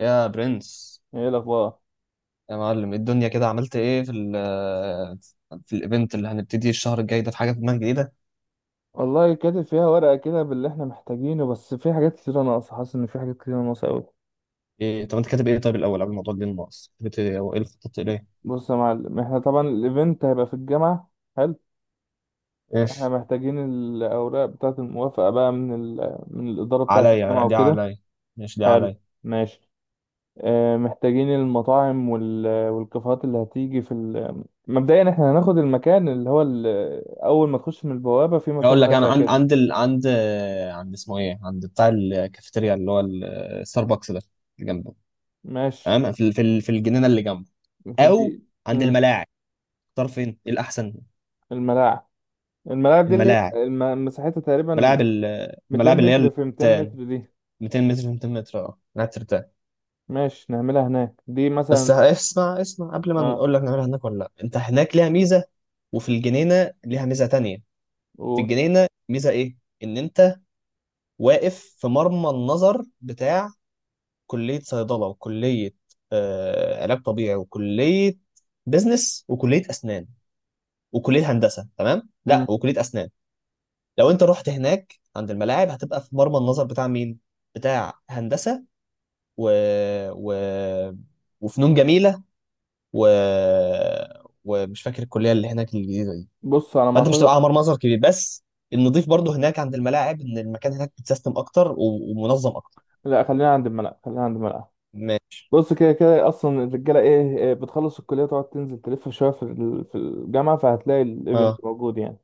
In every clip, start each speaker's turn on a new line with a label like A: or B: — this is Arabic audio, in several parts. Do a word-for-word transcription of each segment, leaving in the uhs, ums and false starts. A: يا برنس،
B: ايه الاخبار؟
A: يا معلم إيه الدنيا؟ كده عملت ايه في ال في الايفنت اللي هنبتدي الشهر الجاي ده؟ في حاجه في دماغك جديده؟
B: والله كاتب فيها ورقه كده باللي احنا محتاجينه، بس في حاجات كتير ناقصه، حاسس ان في حاجات كتير ناقصه قوي.
A: ايه؟ طب انت كاتب ايه؟ طيب الاول قبل الموضوع دي الناقص، كتبت ايه وايه اللي خططت اليه؟
B: بص يا معلم، احنا طبعا الايفنت هيبقى في الجامعه. حلو.
A: ايش؟
B: احنا محتاجين الاوراق بتاعه الموافقه بقى من ال... من الاداره بتاعه الجامعه
A: عليا، دي
B: وكده.
A: عليا. ماشي دي
B: حلو.
A: عليا.
B: ماشي. اه، محتاجين المطاعم وال... والكافيهات اللي هتيجي في ال... مبدئيا احنا هناخد المكان اللي هو ال... اول ما تخش من البوابه في مكان
A: اقول لك انا
B: واسع
A: عند
B: كده.
A: عند ال... عند، عند اسمه ايه، عند بتاع الكافيتيريا اللي هو الستاربكس ده، اللي جنبه.
B: ماشي.
A: تمام، في ال- في ال- في الجنينه اللي جنبه، او
B: دي-
A: عند
B: مم.
A: الملاعب. اختار فين، ايه الاحسن؟
B: الملاعب. الملاعب دي اللي هي
A: الملاعب؟
B: الم- مساحتها تقريبا
A: ملاعب ال-
B: مئتين
A: الملاعب اللي هي
B: متر في مئتين
A: التان.
B: متر دي.
A: مئتين متر مئتين متر، اه قاعد ترتاح؟
B: ماشي نعملها هناك دي
A: بس
B: مثلا.
A: اسمع، اسمع قبل ما
B: اه.
A: نقول لك نعملها هناك ولا لا. انت هناك ليها ميزه، وفي الجنينه ليها ميزه تانية. في
B: و...
A: الجنينه ميزه ايه؟ ان انت واقف في مرمى النظر بتاع كليه صيدله، وكليه آه علاج طبيعي، وكليه بزنس، وكليه اسنان، وكليه هندسه. تمام
B: مم.
A: لا، وكليه اسنان. لو انت رحت هناك عند الملاعب هتبقى في مرمى النظر بتاع مين؟ بتاع هندسه، و... و... وفنون جميله، و... ومش فاكر الكليه اللي هناك الجديده دي.
B: بص، على ما
A: فانت مش هتبقى
B: اعتقد.
A: على مرمزر كبير بس. النضيف برضو هناك عند الملاعب، ان المكان هناك متسيستم اكتر و- ومنظم اكتر.
B: لا، خلينا عند الملعب، خلينا عند الملعب.
A: ماشي.
B: بص كده كده اصلا الرجاله ايه إيه، بتخلص الكليه تقعد تنزل تلف شويه في ال- في الجامعه، فهتلاقي الايفنت
A: اه
B: موجود يعني.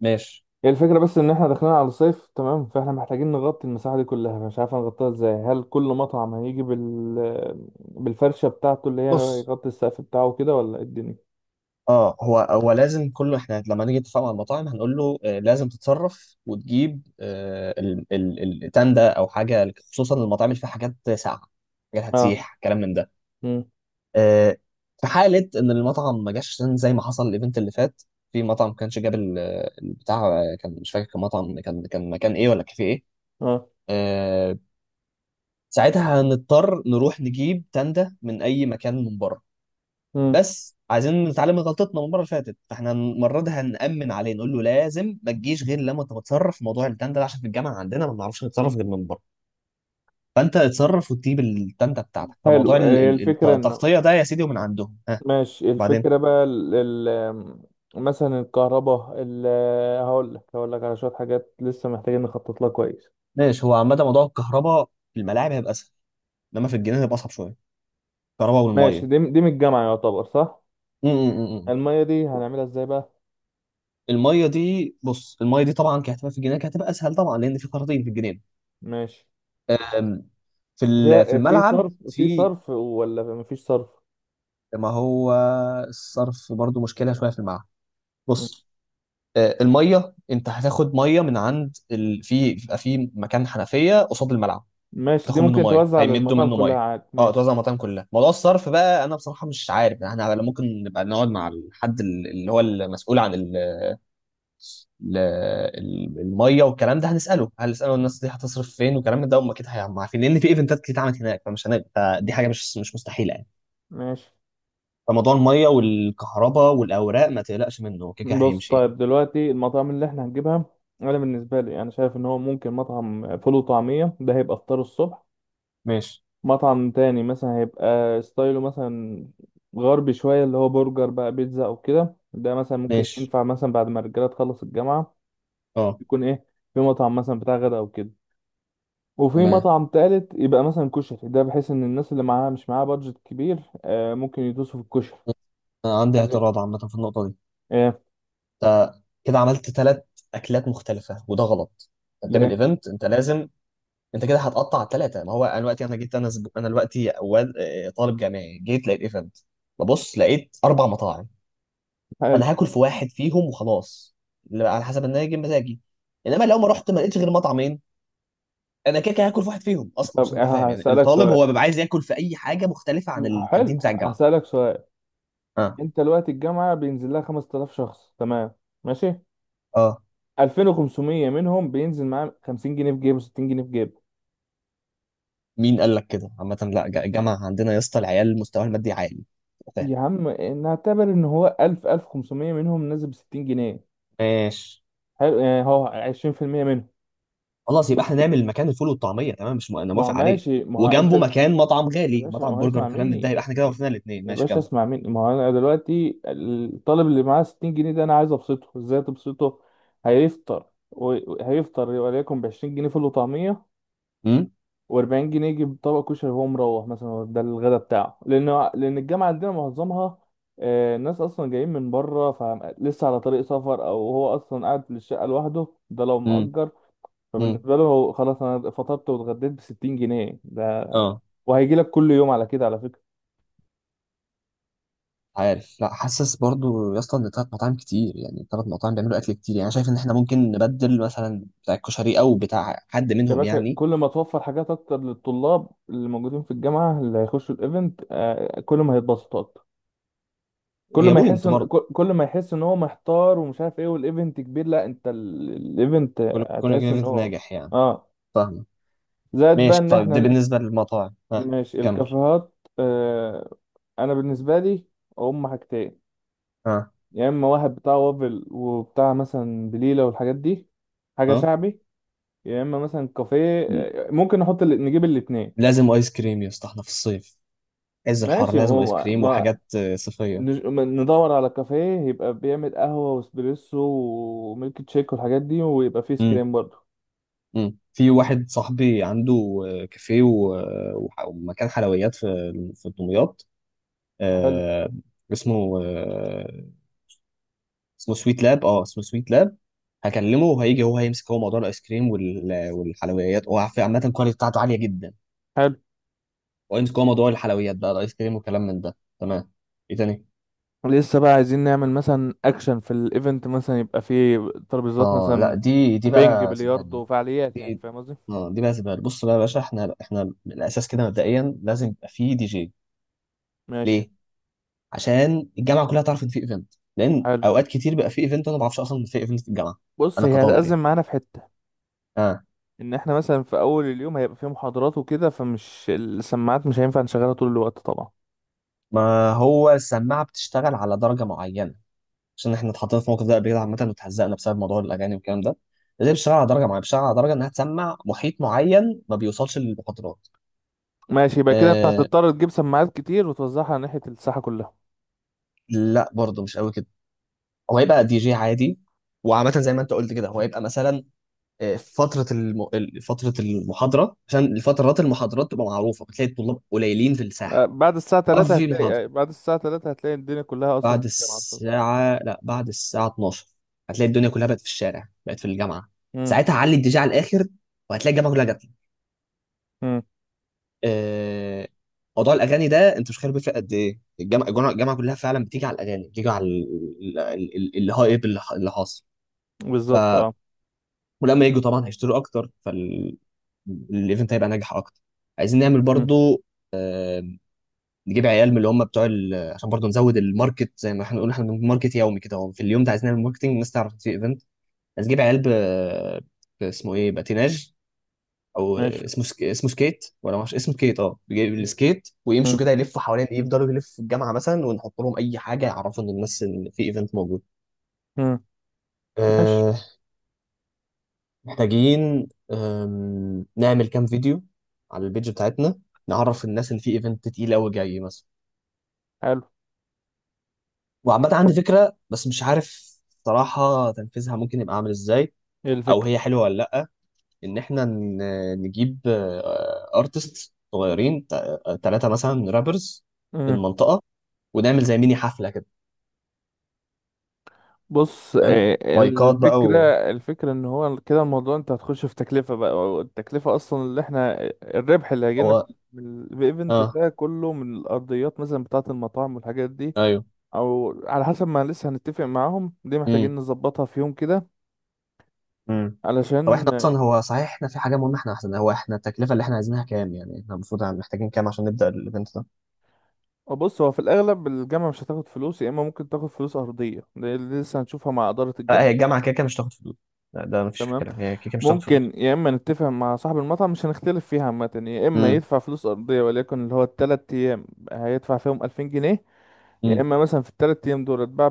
A: ماشي.
B: هي الفكره بس ان احنا داخلين على الصيف، تمام؟ فاحنا محتاجين نغطي المساحه دي كلها، مش عارف نغطيها ازاي. هل كل مطعم هيجي بال بالفرشه بتاعته اللي هي
A: بص،
B: يغطي السقف بتاعه كده ولا إيه الدنيا؟
A: اه، هو هو لازم كله، احنا لما نيجي نتفق مع المطاعم هنقول له آه لازم تتصرف وتجيب آه ال- ال- التندة او حاجه، خصوصا المطاعم اللي فيها حاجات ساقعه، حاجات
B: اه.
A: هتسيح كلام من ده. آه، في حالة إن المطعم ما جاش، عشان زي ما حصل الإيفنت اللي فات في مطعم ما كانش جاب ال- البتاع، آه، كان مش فاكر، كان مطعم، كان كان مكان إيه ولا كافيه إيه.
B: اه.
A: آه، ساعتها هنضطر نروح نجيب تندة من أي مكان من بره.
B: مم.
A: بس عايزين نتعلم من غلطتنا من المرة اللي فاتت، فإحنا المرة دي هنأمن عليه، نقول له لازم ما تجيش غير لما أنت تتصرف في موضوع التندة ده، عشان في الجامعة عندنا ما بنعرفش نتصرف غير من بره. فأنت اتصرف وتجيب التندة بتاعتك، فموضوع
B: حلو.
A: ال-
B: هي
A: ال- الت-
B: الفكرة انه
A: التغطية ده يا سيدي ومن عندهم. ها
B: ماشي.
A: بعدين.
B: الفكرة بقى ال... ال... مثلا الكهرباء ال... هقول لك، هقول لك على شوية حاجات لسه محتاجين نخطط لها كويس.
A: ماشي، هو عامة موضوع الكهرباء في الملاعب هيبقى اسهل، انما في الجنينة هيبقى اصعب شوية، الكهرباء
B: ماشي،
A: والمية.
B: دي دي من الجامعة يعتبر صح.
A: م- م- م- م.
B: المية دي هنعملها ازاي بقى؟
A: المية دي، بص، المية دي طبعا كهتبقى في الجنينة كهتبقى اسهل طبعا، لان في خراطيم في الجنينة.
B: ماشي.
A: أم، في ال- في
B: فيها في
A: الملعب
B: صرف في
A: في،
B: صرف ولا مفيش صرف؟
A: ما هو الصرف برضو مشكلة شوية في الملعب.
B: مم.
A: بص، أه، المية انت هتاخد مية من عند ال... في بيبقى في مكان حنفية قصاد الملعب،
B: ماشي، دي
A: تاخد منه
B: ممكن
A: ميه،
B: توزع
A: هيمدوا
B: للمطاعم
A: منه
B: كلها
A: ميه.
B: عادي.
A: اه توزع
B: ماشي.
A: على المطاعم كلها. موضوع الصرف بقى انا بصراحه مش عارف، احنا على- ممكن نبقى نقعد مع الحد ال- اللي هو المسؤول عن ال- ال- ال- الميه والكلام ده، هنساله هنساله الناس دي هتصرف فين، والكلام ده هم اكيد هيبقوا عارفين، لان في ايفنتات كتير اتعملت هناك، فمش هنبقى، فدي حاجه مش مش مستحيله يعني.
B: ماشي.
A: فموضوع الميه والكهرباء والاوراق ما تقلقش منه، هو كده كده
B: بص
A: هيمشي يعني.
B: طيب دلوقتي المطاعم اللي احنا هنجيبها، انا بالنسبة لي انا شايف ان هو ممكن مطعم فول وطعمية ده هيبقى فطار الصبح.
A: ماشي
B: مطعم تاني مثلا هيبقى ستايله مثلا غربي شوية، اللي هو برجر بقى، بيتزا أو كده، ده مثلا ممكن
A: ماشي.
B: ينفع مثلا بعد ما الرجالة تخلص الجامعة.
A: اه
B: يكون إيه؟ في مطعم مثلا بتاع غدا أو كده. وفي
A: تمام.
B: مطعم تالت يبقى مثلا كشري، ده بحيث إن الناس اللي معاها مش معاها بادجت كبير آه ممكن يدوسوا في الكشري.
A: انا عندي
B: عايزين؟
A: اعتراض عامه في النقطه دي،
B: إيه؟
A: كده عملت ثلاث اكلات مختلفه وده غلط. انت بتعمل
B: ليه؟
A: ايفنت، انت لازم، انت كده هتقطع على الثلاثه. ما هو انا دلوقتي، انا جيت، انا زب... انا دلوقتي واد... آه، طالب جامعي، جيت لقيت ايفنت، ببص لقيت اربع مطاعم،
B: حلو.
A: انا هاكل في واحد فيهم وخلاص، اللي على حسب ان انا جاي مزاجي. انما لو ما رحت ما لقيتش غير مطعمين، انا كده كده هاكل في واحد فيهم اصلا.
B: طب،
A: عشان ابقى
B: آه،
A: فاهم، يعني
B: هسألك
A: الطالب
B: سؤال.
A: هو بيبقى عايز ياكل في اي حاجه مختلفه عن
B: حلو.
A: الكانتين بتاع الجامعه.
B: هسألك سؤال.
A: اه.
B: أنت دلوقتي الجامعة بينزل لها خمستلاف شخص، تمام؟ ماشي.
A: اه.
B: الفين وخمسميه منهم بينزل معاه خمسين جنيه في جيبه، ستين جنيه في جيبه.
A: مين قال لك كده؟ عامه لا، ج- الجامعه عندنا يا اسطى العيال مستواها المادي عالي، فاهم؟
B: يا عم، نعتبر ان هو الف، الف وخمسميه منهم نازل ب ستين جنيه.
A: ماشي.
B: حلو يعني هو عشرين في المية منهم.
A: خلاص يبقى احنا نعمل مكان الفول والطعميه، تمام، مش م... انا
B: ما هو
A: موافق عليه،
B: ماشي، ما هو انت.
A: وجنبه مكان مطعم
B: يا
A: غالي،
B: باشا ما
A: مطعم
B: هو
A: برجر
B: اسمع
A: وكلام من ده، يبقى
B: مني،
A: احنا كده وفينا الاثنين،
B: يا
A: ماشي
B: باشا
A: كمل.
B: اسمع مني، ما هو انا دلوقتي الطالب اللي معاه ستين جنيه ده انا عايز ابسطه ازاي، تبسطه. هيفطر، وهيفطر وليكن ب عشرين جنيه فول وطعميه،
A: امم.
B: واربعين جنيه يجيب طبق كشري وهو مروح مثلا، هو ده الغدا بتاعه، لان لان الجامعه عندنا معظمها آه، الناس اصلا جايين من بره، فلسه على طريق سفر، او هو اصلا قاعد في الشقه لوحده، ده لو
A: امم.
B: مأجر.
A: امم.
B: فبالنسبه له هو خلاص، انا فطرت واتغديت ب ستين جنيه ده،
A: اه.
B: وهيجي لك كل يوم على كده على فكره.
A: عارف، لا حاسس برضو يا اسطى ان ثلاث مطاعم كتير يعني، ثلاث مطاعم بيعملوا اكل كتير يعني، أنا شايف ان احنا ممكن نبدل مثلا بتاع الكشري او بتاع حد
B: يا
A: منهم
B: باشا،
A: يعني.
B: كل ما توفر حاجات اكتر للطلاب اللي موجودين في الجامعه اللي هيخشوا الايفنت، آه، كل ما هيتبسطوا. كل
A: هي
B: ما يحس
A: بوينت
B: ان
A: برضه،
B: كل كل ما يحس ان هو محتار ومش عارف ايه، والايفنت كبير، لا انت ال- الايفنت
A: كل كل
B: هتحس ان
A: ايفنت
B: هو،
A: ناجح يعني.
B: اه،
A: فاهم.
B: زائد بقى
A: ماشي
B: ان
A: طيب،
B: احنا
A: ده
B: لسه.
A: بالنسبه للمطاعم. ها
B: ماشي.
A: كمل.
B: الكافيهات، آه. انا بالنسبه لي هم حاجتين.
A: ها.
B: يا اما واحد بتاع وافل وبتاع مثلا بليله والحاجات دي، حاجه
A: ها.
B: شعبي، يا اما مثلا كافيه،
A: م-
B: آه، ممكن نحط ال- نجيب الاتنين.
A: لازم ايس كريم يا اسطى، احنا في الصيف، عز الحر،
B: ماشي.
A: لازم ايس
B: ما
A: كريم
B: ما-
A: وحاجات آه، صيفيه.
B: نج- ندور على كافيه يبقى بيعمل قهوة واسبريسو وميلك تشيك والحاجات دي ويبقى فيه
A: امم.
B: سكريم برضه.
A: امم. في واحد صاحبي عنده آه، كافيه و- وح- ومكان حلويات في في دمياط،
B: حلو.
A: آه، اسمه آه، اسمه سويت لاب، اه اسمه سويت لاب. هكلمه وهيجي، هو هيمسك هو موضوع الايس كريم وال- والحلويات، هو عارف، عامه الكواليتي بتاعته عاليه جدا.
B: حلو.
A: هو يمسك هو موضوع الحلويات بقى، الايس كريم وكلام من ده، تمام. ايه تاني؟
B: لسه بقى عايزين نعمل مثلا اكشن في الايفنت، مثلا يبقى فيه ترابيزات
A: اه لا،
B: مثلا
A: دي دي
B: بينج،
A: بقى سيبها
B: بلياردو،
A: لي.
B: وفعاليات، يعني فاهم قصدي.
A: اه دي بقى زباله. بص بقى يا باشا، احنا احنا من الاساس كده مبدئيا لازم يبقى فيه دي جي.
B: ماشي.
A: ليه؟ عشان الجامعه كلها تعرف ان في ايفنت، لان
B: حلو.
A: اوقات كتير بيبقى في ايفنت انا ما بعرفش اصلا ان في ايفنت في الجامعه،
B: بص
A: انا
B: هي
A: كطالب يعني.
B: هتأزم معانا في حتة
A: اه
B: ان احنا مثلا في اول اليوم هيبقى فيه محاضرات وكده فمش السماعات مش هينفع نشغلها طول الوقت طبعا
A: ما هو السماعه بتشتغل على درجه معينه، عشان احنا اتحطينا في موقف ده قبل كده عامه واتهزقنا بسبب موضوع الاغاني والكلام ده. لازم بتشتغل على درجه معينه، بتشتغل على درجه انها تسمع محيط معين ما بيوصلش للمخاطرات.
B: ماشي يبقى كده انت
A: آه
B: هتضطر تجيب سماعات كتير وتوزعها على ناحية الساحة كلها
A: لا برضه مش قوي كده، هو هيبقى دي جي عادي. وعامة زي ما انت قلت كده هو هيبقى مثلا فترة الم... ال- فترة المحاضرة، عشان الفترات المحاضرات تبقى معروفة بتلاقي الطلاب قليلين في
B: آه،
A: الساحة،
B: بعد الساعة تلاتة
A: في محاضرة.
B: هتلاقي آه، بعد الساعة تلاتة هتلاقي الدنيا كلها أصلا
A: بعد
B: في الجامعة بتاعتك.
A: الساعة لا بعد الساعة اتناشر هتلاقي الدنيا كلها بقت في الشارع، بقت في الجامعة،
B: مم.
A: ساعتها علي الدي جي على الآخر وهتلاقي الجامعة كلها جت لك.
B: مم.
A: آه، موضوع الأغاني ده أنت مش خير، بيفرق قد إيه الجامعة، الجامعة الجامعة كلها فعلا بتيجي على الأغاني، بتيجي على ال- ال- ال- الهايب اللي ح- اللي حاصل. ف
B: بالظبط اه
A: ولما يجوا طبعا هيشتروا أكتر، فال الايفنت هيبقى ناجح اكتر. عايزين نعمل
B: مم.
A: برضو، آه، نجيب عيال من اللي هم بتوع ال... عشان برضه نزود الماركت، زي ما احنا بنقول احنا بنعمل ماركت يومي كده، هو في اليوم ده عايز نعمل ماركتنج، الناس تعرف إن في ايفنت. عايز نجيب عيال ب... ب- اسمه ايه، باتيناج، او
B: ماشي
A: اسمه سك... اسمه سكيت، ولا معرفش، اسمه سكيت، اه بيجيب السكيت ويمشوا
B: مم.
A: كده يلفوا حوالين ايه، يفضلوا يلفوا في الجامعه مثلا، ونحط لهم اي حاجه يعرفوا ان الناس ان في ايفنت موجود.
B: مم. ماشي
A: أه... محتاجين أم... نعمل كام فيديو على البيج بتاعتنا، نعرف الناس ان في ايفنت تقيل قوي جاي مثلا.
B: حلو
A: وعامة عندي فكرة بس مش عارف صراحة تنفيذها ممكن يبقى عامل ازاي،
B: ايه
A: او
B: الفكرة؟
A: هي حلوة ولا لأ. ان احنا ن- نجيب ارتست صغيرين، ثلاثة مثلا رابرز في
B: مم.
A: المنطقة، ونعمل زي ميني حفلة كده،
B: بص،
A: فاهم،
B: آه،
A: مايكات بقى
B: الفكرة
A: و...
B: الفكرة ان هو كده الموضوع، انت هتخش في تكلفة بقى، والتكلفة اصلا اللي احنا الربح اللي هيجيلنا
A: هو.
B: من الايفنت
A: اه.
B: ده كله من الارضيات مثلا بتاعة المطاعم والحاجات دي،
A: ايوه.
B: او على حسب ما لسه هنتفق معاهم، دي محتاجين
A: امم.
B: نظبطها في يوم كده
A: امم. طب
B: علشان.
A: احنا اصلا، هو صحيح احنا في حاجة مهمة، احنا احسن، هو احنا التكلفة اللي احنا عايزينها كام يعني؟ احنا المفروض محتاجين كام عشان نبدأ الايفنت ده؟
B: آه، بص، هو في الأغلب الجامعة مش هتاخد فلوس، يا إما ممكن تاخد فلوس أرضية، ده اللي لسه هنشوفها مع إدارة
A: آه، هي
B: الجامعة.
A: الجامعة كده كده مش هتاخد فلوس. لا ده مفيش في
B: تمام.
A: كلام، هي كده كده مش هتاخد
B: ممكن
A: فلوس.
B: يا إما نتفق مع صاحب المطعم، مش هنختلف فيها عامة، يا إما
A: امم.
B: يدفع فلوس أرضية وليكن اللي هو التلات أيام هيدفع فيهم ألفين جنيه، يا إما مثلا في التلات أيام دول اتباع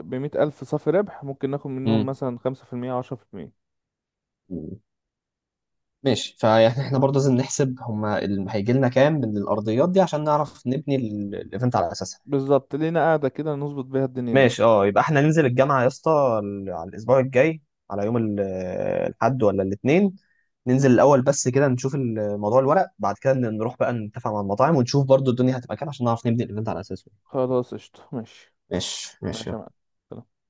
B: بمية ألف صافي ربح، ممكن ناخد منهم
A: امم.
B: مثلا خمسة في المية أو عشرة في المية.
A: ماشي، فيعني احنا برضه لازم نحسب هما اللي هيجي لنا كام من الارضيات دي، عشان نعرف نبني ال- الايفنت على اساسها.
B: بالظبط، لينا قاعدة كده نظبط بيها الدنيا دي.
A: ماشي، اه يبقى احنا ننزل الجامعه يا اسطى ال- على الاسبوع الجاي، على يوم ال- الاحد ولا الاثنين، ننزل الاول بس كده نشوف ال- موضوع الورق، بعد كده نروح بقى نتفق مع المطاعم، ونشوف برضه الدنيا هتبقى كام عشان نعرف نبني الايفنت على اساسه.
B: خلاص قشطة. ماشي.
A: ماشي ماشي.
B: ماشي يا معلم.